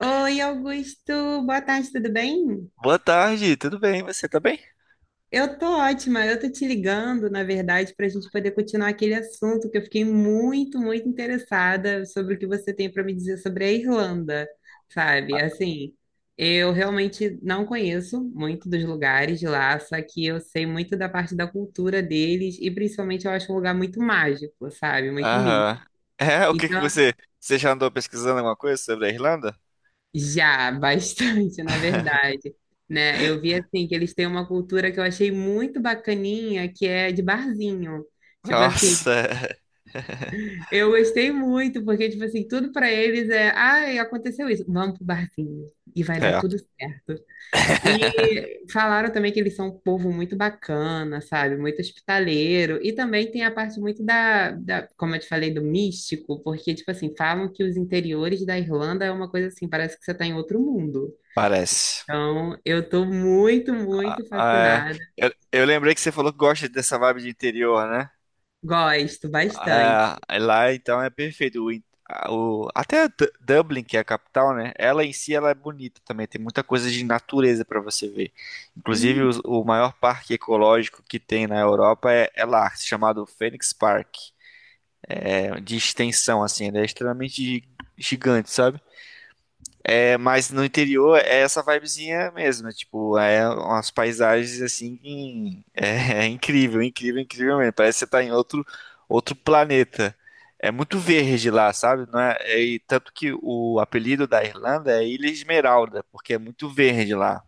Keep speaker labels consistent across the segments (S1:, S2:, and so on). S1: Oi, Augusto, boa tarde, tudo bem?
S2: Boa tarde, tudo bem? Você tá bem?
S1: Eu tô ótima, eu tô te ligando, na verdade, para a gente poder continuar aquele assunto que eu fiquei muito, muito interessada sobre o que você tem para me dizer sobre a Irlanda, sabe?
S2: Ah,
S1: Assim, eu realmente não conheço muito dos lugares de lá, só que eu sei muito da parte da cultura deles e principalmente eu acho um lugar muito mágico, sabe? Muito místico.
S2: aham. O que que
S1: Então,
S2: você. Você já andou pesquisando alguma coisa sobre a Irlanda?
S1: já, bastante, na verdade, né? Eu vi assim que eles têm uma cultura que eu achei muito bacaninha, que é de barzinho. Tipo assim,
S2: Nossa.
S1: eu gostei muito, porque tipo assim, tudo para eles é, ai, aconteceu isso, vamos pro barzinho e vai dar
S2: É.
S1: tudo certo. E falaram também que eles são um povo muito bacana, sabe? Muito hospitaleiro. E também tem a parte muito da, como eu te falei, do místico, porque tipo assim, falam que os interiores da Irlanda é uma coisa assim, parece que você está em outro mundo.
S2: Parece.
S1: Então, eu tô muito,
S2: Ah,
S1: muito
S2: ah, é.
S1: fascinada.
S2: Eu lembrei que você falou que gosta dessa vibe de interior, né?
S1: Gosto bastante.
S2: É, lá então é perfeito. O, in- a- o- até Du- Dublin, que é a capital, né? Ela em si ela é bonita também. Tem muita coisa de natureza para você ver. Inclusive
S1: Hum,
S2: o maior parque ecológico que tem na Europa é lá, chamado Phoenix Park. É de extensão assim, ele é extremamente gigante, sabe? É, mas no interior é essa vibezinha mesmo, é, tipo, é umas paisagens assim, é, é incrível, incrível, incrível mesmo. Parece que você tá em outro, outro planeta. É muito verde lá, sabe? Não é, é- E tanto que o apelido da Irlanda é Ilha Esmeralda, porque é muito verde lá.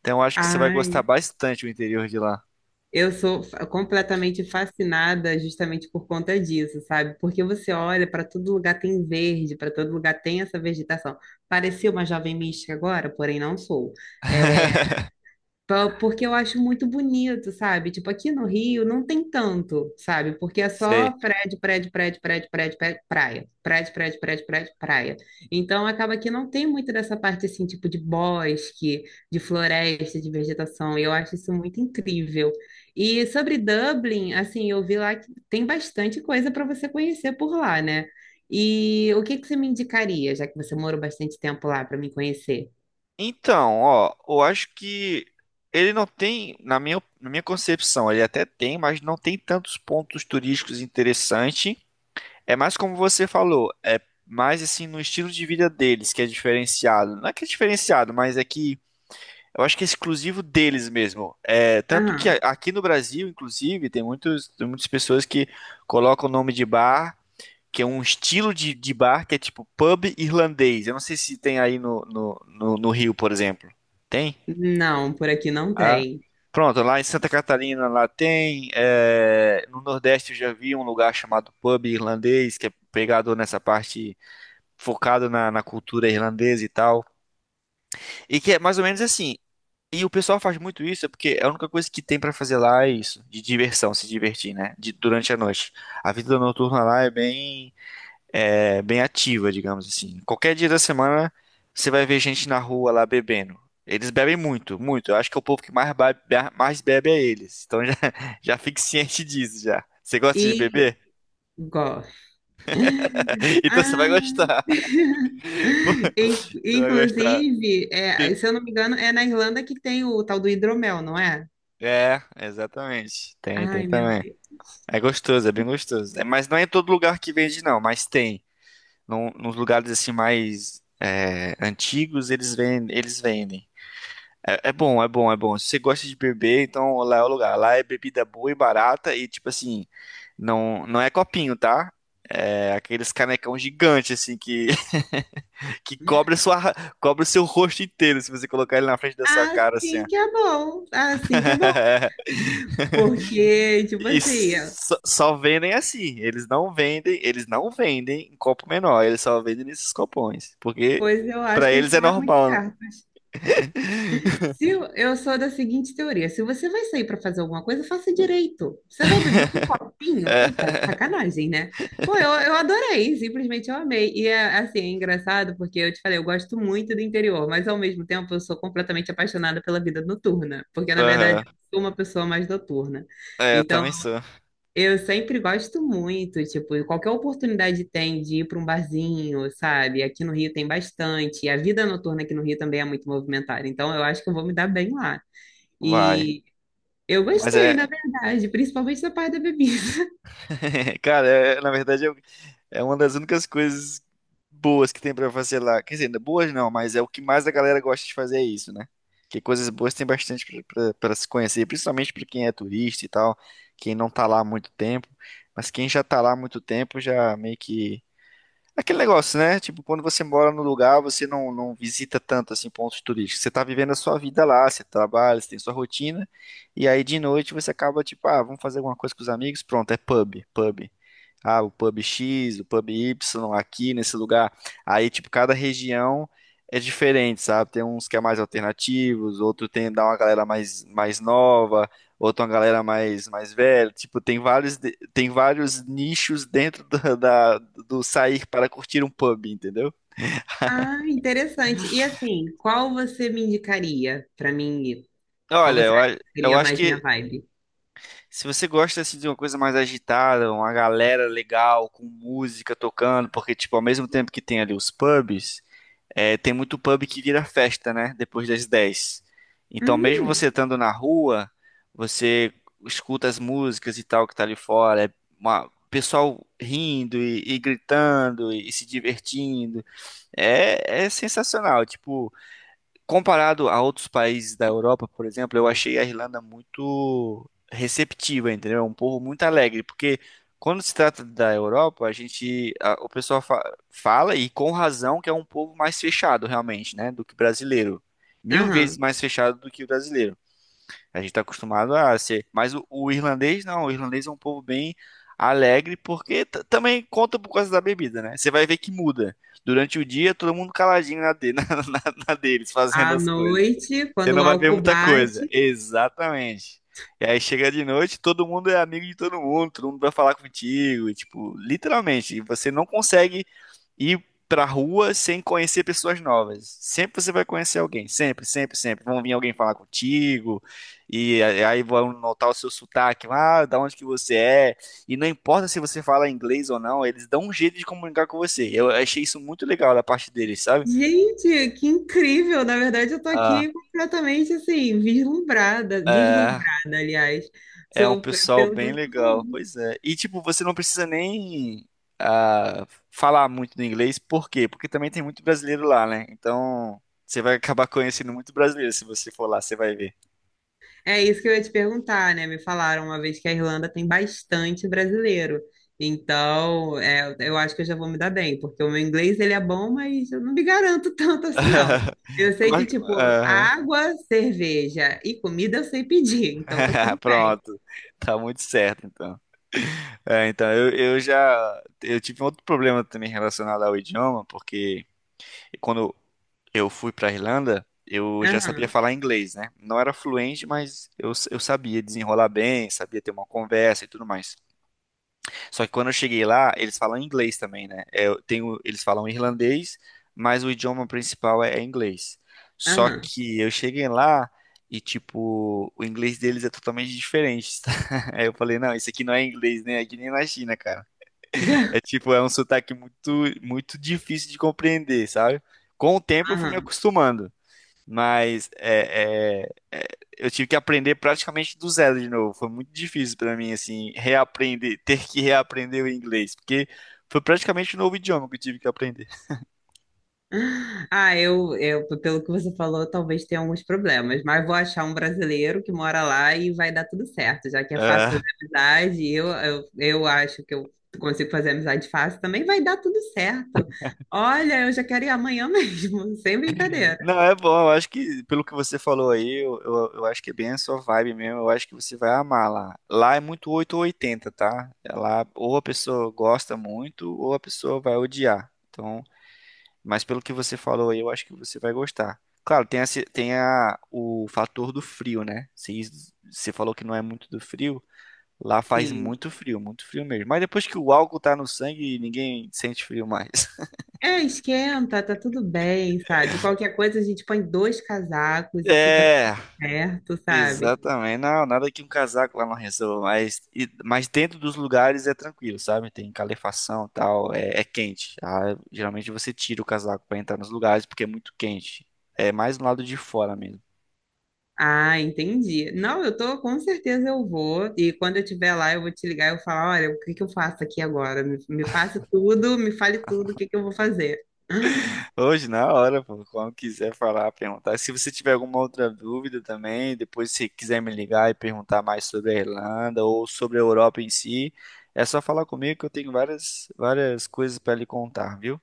S2: Então eu acho que você vai gostar
S1: ai,
S2: bastante do interior de lá.
S1: eu sou completamente fascinada justamente por conta disso, sabe? Porque você olha para todo lugar tem verde, para todo lugar tem essa vegetação. Parecia uma jovem mística agora, porém não sou. É, Porque eu acho muito bonito, sabe? Tipo, aqui no Rio não tem tanto, sabe? Porque é
S2: Sei.
S1: só prédio, prédio, prédio, prédio, prédio, prédio, praia. Prédio, prédio, prédio, prédio, praia. Então acaba que não tem muito dessa parte assim, tipo, de bosque, de floresta, de vegetação. E eu acho isso muito incrível. E sobre Dublin, assim, eu vi lá que tem bastante coisa para você conhecer por lá, né? E o que que você me indicaria, já que você morou bastante tempo lá para me conhecer?
S2: Então, ó, eu acho que ele não tem, na minha concepção, ele até tem, mas não tem tantos pontos turísticos interessantes. É mais como você falou, é mais assim no estilo de vida deles que é diferenciado. Não é que é diferenciado, mas é que eu acho que é exclusivo deles mesmo. É, tanto que
S1: Aham.
S2: aqui no Brasil, inclusive, tem muitas pessoas que colocam o nome de bar que é um estilo de bar que é tipo pub irlandês. Eu não sei se tem aí no Rio, por exemplo. Tem?
S1: Não, por aqui não
S2: Ah.
S1: tem.
S2: Pronto, lá em Santa Catarina lá tem. É, no Nordeste eu já vi um lugar chamado pub irlandês, que é pegado nessa parte focado na cultura irlandesa e tal. E que é mais ou menos assim. E o pessoal faz muito isso, é porque é a única coisa que tem pra fazer lá é isso, de diversão, se divertir, né? De, durante a noite. A vida noturna lá é bem ativa, digamos assim. Qualquer dia da semana você vai ver gente na rua lá bebendo. Eles bebem muito, muito. Eu acho que é o povo que mais mais bebe é eles. Então já, já fique ciente disso já. Você gosta de
S1: E
S2: beber?
S1: gosto.
S2: Então você vai
S1: Ah,
S2: gostar. Pô, você vai gostar.
S1: inclusive, é, se
S2: Be-
S1: eu não me engano, é na Irlanda que tem o tal do hidromel, não é?
S2: É, exatamente. Tem, tem
S1: Ai, meu
S2: também.
S1: Deus.
S2: É gostoso, é bem gostoso. É, mas não é em todo lugar que vende, não, mas tem. Nos lugares assim mais é, antigos, eles vendem, eles vendem. É, é bom, é bom, é bom. Se você gosta de beber, então lá é o lugar. Lá é bebida boa e barata e tipo assim, não, não é copinho, tá? É aqueles canecão gigante assim que que cobre a sua cobre o seu rosto inteiro se você colocar ele na frente da sua cara assim.
S1: Assim
S2: Ó.
S1: que é bom, assim que é bom. Porque, tipo assim,
S2: Isso. Só só vendem assim. Eles não vendem em copo menor, eles só vendem nesses copões, porque
S1: pois eu acho
S2: pra
S1: que eles
S2: eles é
S1: estão é muito
S2: normal, né?
S1: certos. Se eu, eu sou da seguinte teoria: se você vai sair para fazer alguma coisa, faça direito. Você vai beber um copinho? Tá, tá de
S2: É,
S1: sacanagem, né? Pô, eu adorei, simplesmente eu amei. E é assim, é engraçado porque eu te falei, eu gosto muito do interior, mas ao mesmo tempo eu sou completamente apaixonada pela vida noturna, porque na verdade
S2: aham.
S1: eu sou uma pessoa mais noturna.
S2: É, eu
S1: Então,
S2: também sou.
S1: eu sempre gosto muito, tipo, qualquer oportunidade tem de ir para um barzinho, sabe? Aqui no Rio tem bastante. E a vida noturna aqui no Rio também é muito movimentada. Então, eu acho que eu vou me dar bem lá.
S2: Vai.
S1: E eu
S2: Mas
S1: gostei, na
S2: é,
S1: verdade, principalmente da parte da bebida.
S2: cara, na verdade é, é uma das únicas coisas boas que tem pra fazer lá. Quer dizer, não é boas não, mas é o que mais a galera gosta de fazer é isso, né? Que coisas boas tem bastante pra pra se conhecer, principalmente pra quem é turista e tal, quem não tá lá há muito tempo. Mas quem já tá lá há muito tempo já meio que aquele negócio, né? Tipo, quando você mora no lugar, você não visita tanto assim pontos turísticos. Você tá vivendo a sua vida lá, você trabalha, você tem sua rotina, e aí de noite você acaba tipo, ah, vamos fazer alguma coisa com os amigos, pronto, é pub, pub. Ah, o pub X, o pub Y, aqui nesse lugar. Aí, tipo, cada região é diferente, sabe? Tem uns que é mais alternativos, outro tem dá uma galera mais, mais nova, outro uma galera mais, mais velha. Tipo, tem vários, tem vários nichos dentro do sair para curtir um pub, entendeu?
S1: Ah, interessante. E assim, qual você me indicaria para mim ir? Qual
S2: Olha,
S1: você acha que
S2: eu
S1: seria
S2: acho
S1: mais minha
S2: que
S1: vibe?
S2: se você gosta assim, de uma coisa mais agitada, uma galera legal, com música tocando, porque, tipo, ao mesmo tempo que tem ali os pubs. É, tem muito pub que vira festa, né? Depois das 10. Então, mesmo
S1: Hum,
S2: você estando na rua, você escuta as músicas e tal que tá ali fora. É pessoal rindo e gritando se divertindo. É, é sensacional. Tipo, comparado a outros países da Europa, por exemplo, eu achei a Irlanda muito receptiva, entendeu? É um povo muito alegre, porque quando se trata da Europa, o pessoal fala, e com razão, que é um povo mais fechado, realmente, né, do que o brasileiro. Mil vezes
S1: aham.
S2: mais fechado do que o brasileiro. A gente está acostumado a ser. Mas o irlandês, não. O irlandês é um povo bem alegre, porque também conta por causa da bebida, né? Você vai ver que muda. Durante o dia, todo mundo caladinho na na deles, fazendo
S1: À
S2: as coisas.
S1: noite,
S2: Você
S1: quando o
S2: não vai ver
S1: álcool
S2: muita coisa.
S1: bate.
S2: Exatamente. E aí chega de noite, todo mundo é amigo de todo mundo vai falar contigo, e, tipo, literalmente, e você não consegue ir pra rua sem conhecer pessoas novas. Sempre você vai conhecer alguém, sempre, sempre, sempre. Vão vir alguém falar contigo, e aí vão notar o seu sotaque, ah, da onde que você é. E não importa se você fala inglês ou não, eles dão um jeito de comunicar com você. Eu achei isso muito legal da parte deles, sabe?
S1: Gente, que incrível! Na verdade, eu tô
S2: Ah,
S1: aqui completamente assim, vislumbrada,
S2: é.
S1: deslumbrada, aliás,
S2: É um
S1: sou
S2: pessoal
S1: pelo que
S2: bem
S1: você tá
S2: legal.
S1: falando.
S2: Pois é. E tipo, você não precisa nem ah, falar muito do inglês. Por quê? Porque também tem muito brasileiro lá, né? Então, você vai acabar conhecendo muito brasileiro se você for lá, você vai ver.
S1: É isso que eu ia te perguntar, né? Me falaram uma vez que a Irlanda tem bastante brasileiro. Então, é, eu acho que eu já vou me dar bem, porque o meu inglês ele é bom, mas eu não me garanto tanto assim, não. Eu sei que,
S2: Mas,
S1: tipo,
S2: aham.
S1: água, cerveja e comida eu sei pedir, então tá tudo bem.
S2: Pronto. Tá muito certo, então. É, então, eu já eu tive outro problema também relacionado ao idioma, porque quando eu fui para Irlanda, eu já sabia
S1: Aham,
S2: falar inglês, né? Não era fluente, mas eu sabia desenrolar bem, sabia ter uma conversa e tudo mais. Só que quando eu cheguei lá, eles falam inglês também, né? É, eu tenho, eles falam irlandês, mas o idioma principal é inglês. Só
S1: aham,
S2: que eu cheguei lá e, tipo, o inglês deles é totalmente diferente. Tá? Aí eu falei, não, isso aqui não é inglês, nem aqui nem na China, cara. É tipo, é um sotaque muito, muito difícil de compreender, sabe? Com o tempo eu fui me
S1: aham.
S2: acostumando. Mas é, eu tive que aprender praticamente do zero de novo. Foi muito difícil para mim, assim, reaprender, ter que reaprender o inglês, porque foi praticamente um novo idioma que eu tive que aprender.
S1: Ah, eu, pelo que você falou, talvez tenha alguns problemas, mas vou achar um brasileiro que mora lá e vai dar tudo certo, já que é fácil
S2: Ah,
S1: fazer amizade, eu acho que eu consigo fazer amizade fácil também, vai dar tudo certo. Olha, eu já quero ir amanhã mesmo, sem brincadeira.
S2: não, é bom, eu acho que, pelo que você falou aí, eu acho que é bem a sua vibe mesmo. Eu acho que você vai amar lá. Lá é muito 8 ou 80, tá? É lá ou a pessoa gosta muito, ou a pessoa vai odiar. Então, mas pelo que você falou aí, eu acho que você vai gostar. Claro, tem, a, ci- tem a- o fator do frio, né? Você, você falou que não é muito do frio. Lá faz
S1: Sim.
S2: muito frio mesmo. Mas depois que o álcool tá no sangue, ninguém sente frio mais.
S1: É, esquenta, tá tudo bem, sabe? Qualquer coisa a gente põe 2 casacos e fica
S2: É,
S1: tudo certo, sabe?
S2: exatamente. Não, nada que um casaco lá não resolva. Mas, mas dentro dos lugares é tranquilo, sabe? Tem calefação e tal, é quente. Ah, geralmente você tira o casaco pra entrar nos lugares porque é muito quente. É mais no lado de fora mesmo.
S1: Ah, entendi. Não, eu tô, com certeza eu vou. E quando eu estiver lá, eu vou te ligar e eu falar, olha, o que que eu faço aqui agora? Me passe tudo, me fale tudo, o que que eu vou fazer.
S2: Hoje, na hora, pô, quando quiser falar, perguntar. Se você tiver alguma outra dúvida também, depois se quiser me ligar e perguntar mais sobre a Irlanda ou sobre a Europa em si, é só falar comigo que eu tenho várias, várias coisas para lhe contar, viu?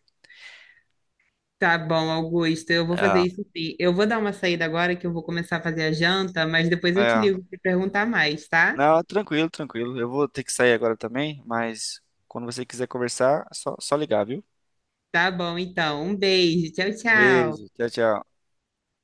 S1: Tá bom, Augusto, eu vou fazer
S2: É,
S1: isso sim. Eu vou dar uma saída agora que eu vou começar a fazer a janta, mas depois eu te
S2: é.
S1: ligo para perguntar mais, tá?
S2: Não, tranquilo, tranquilo. Eu vou ter que sair agora também, mas quando você quiser conversar, é só, só ligar, viu?
S1: Tá bom, então. Um beijo. Tchau, tchau.
S2: Beijo, tchau, tchau.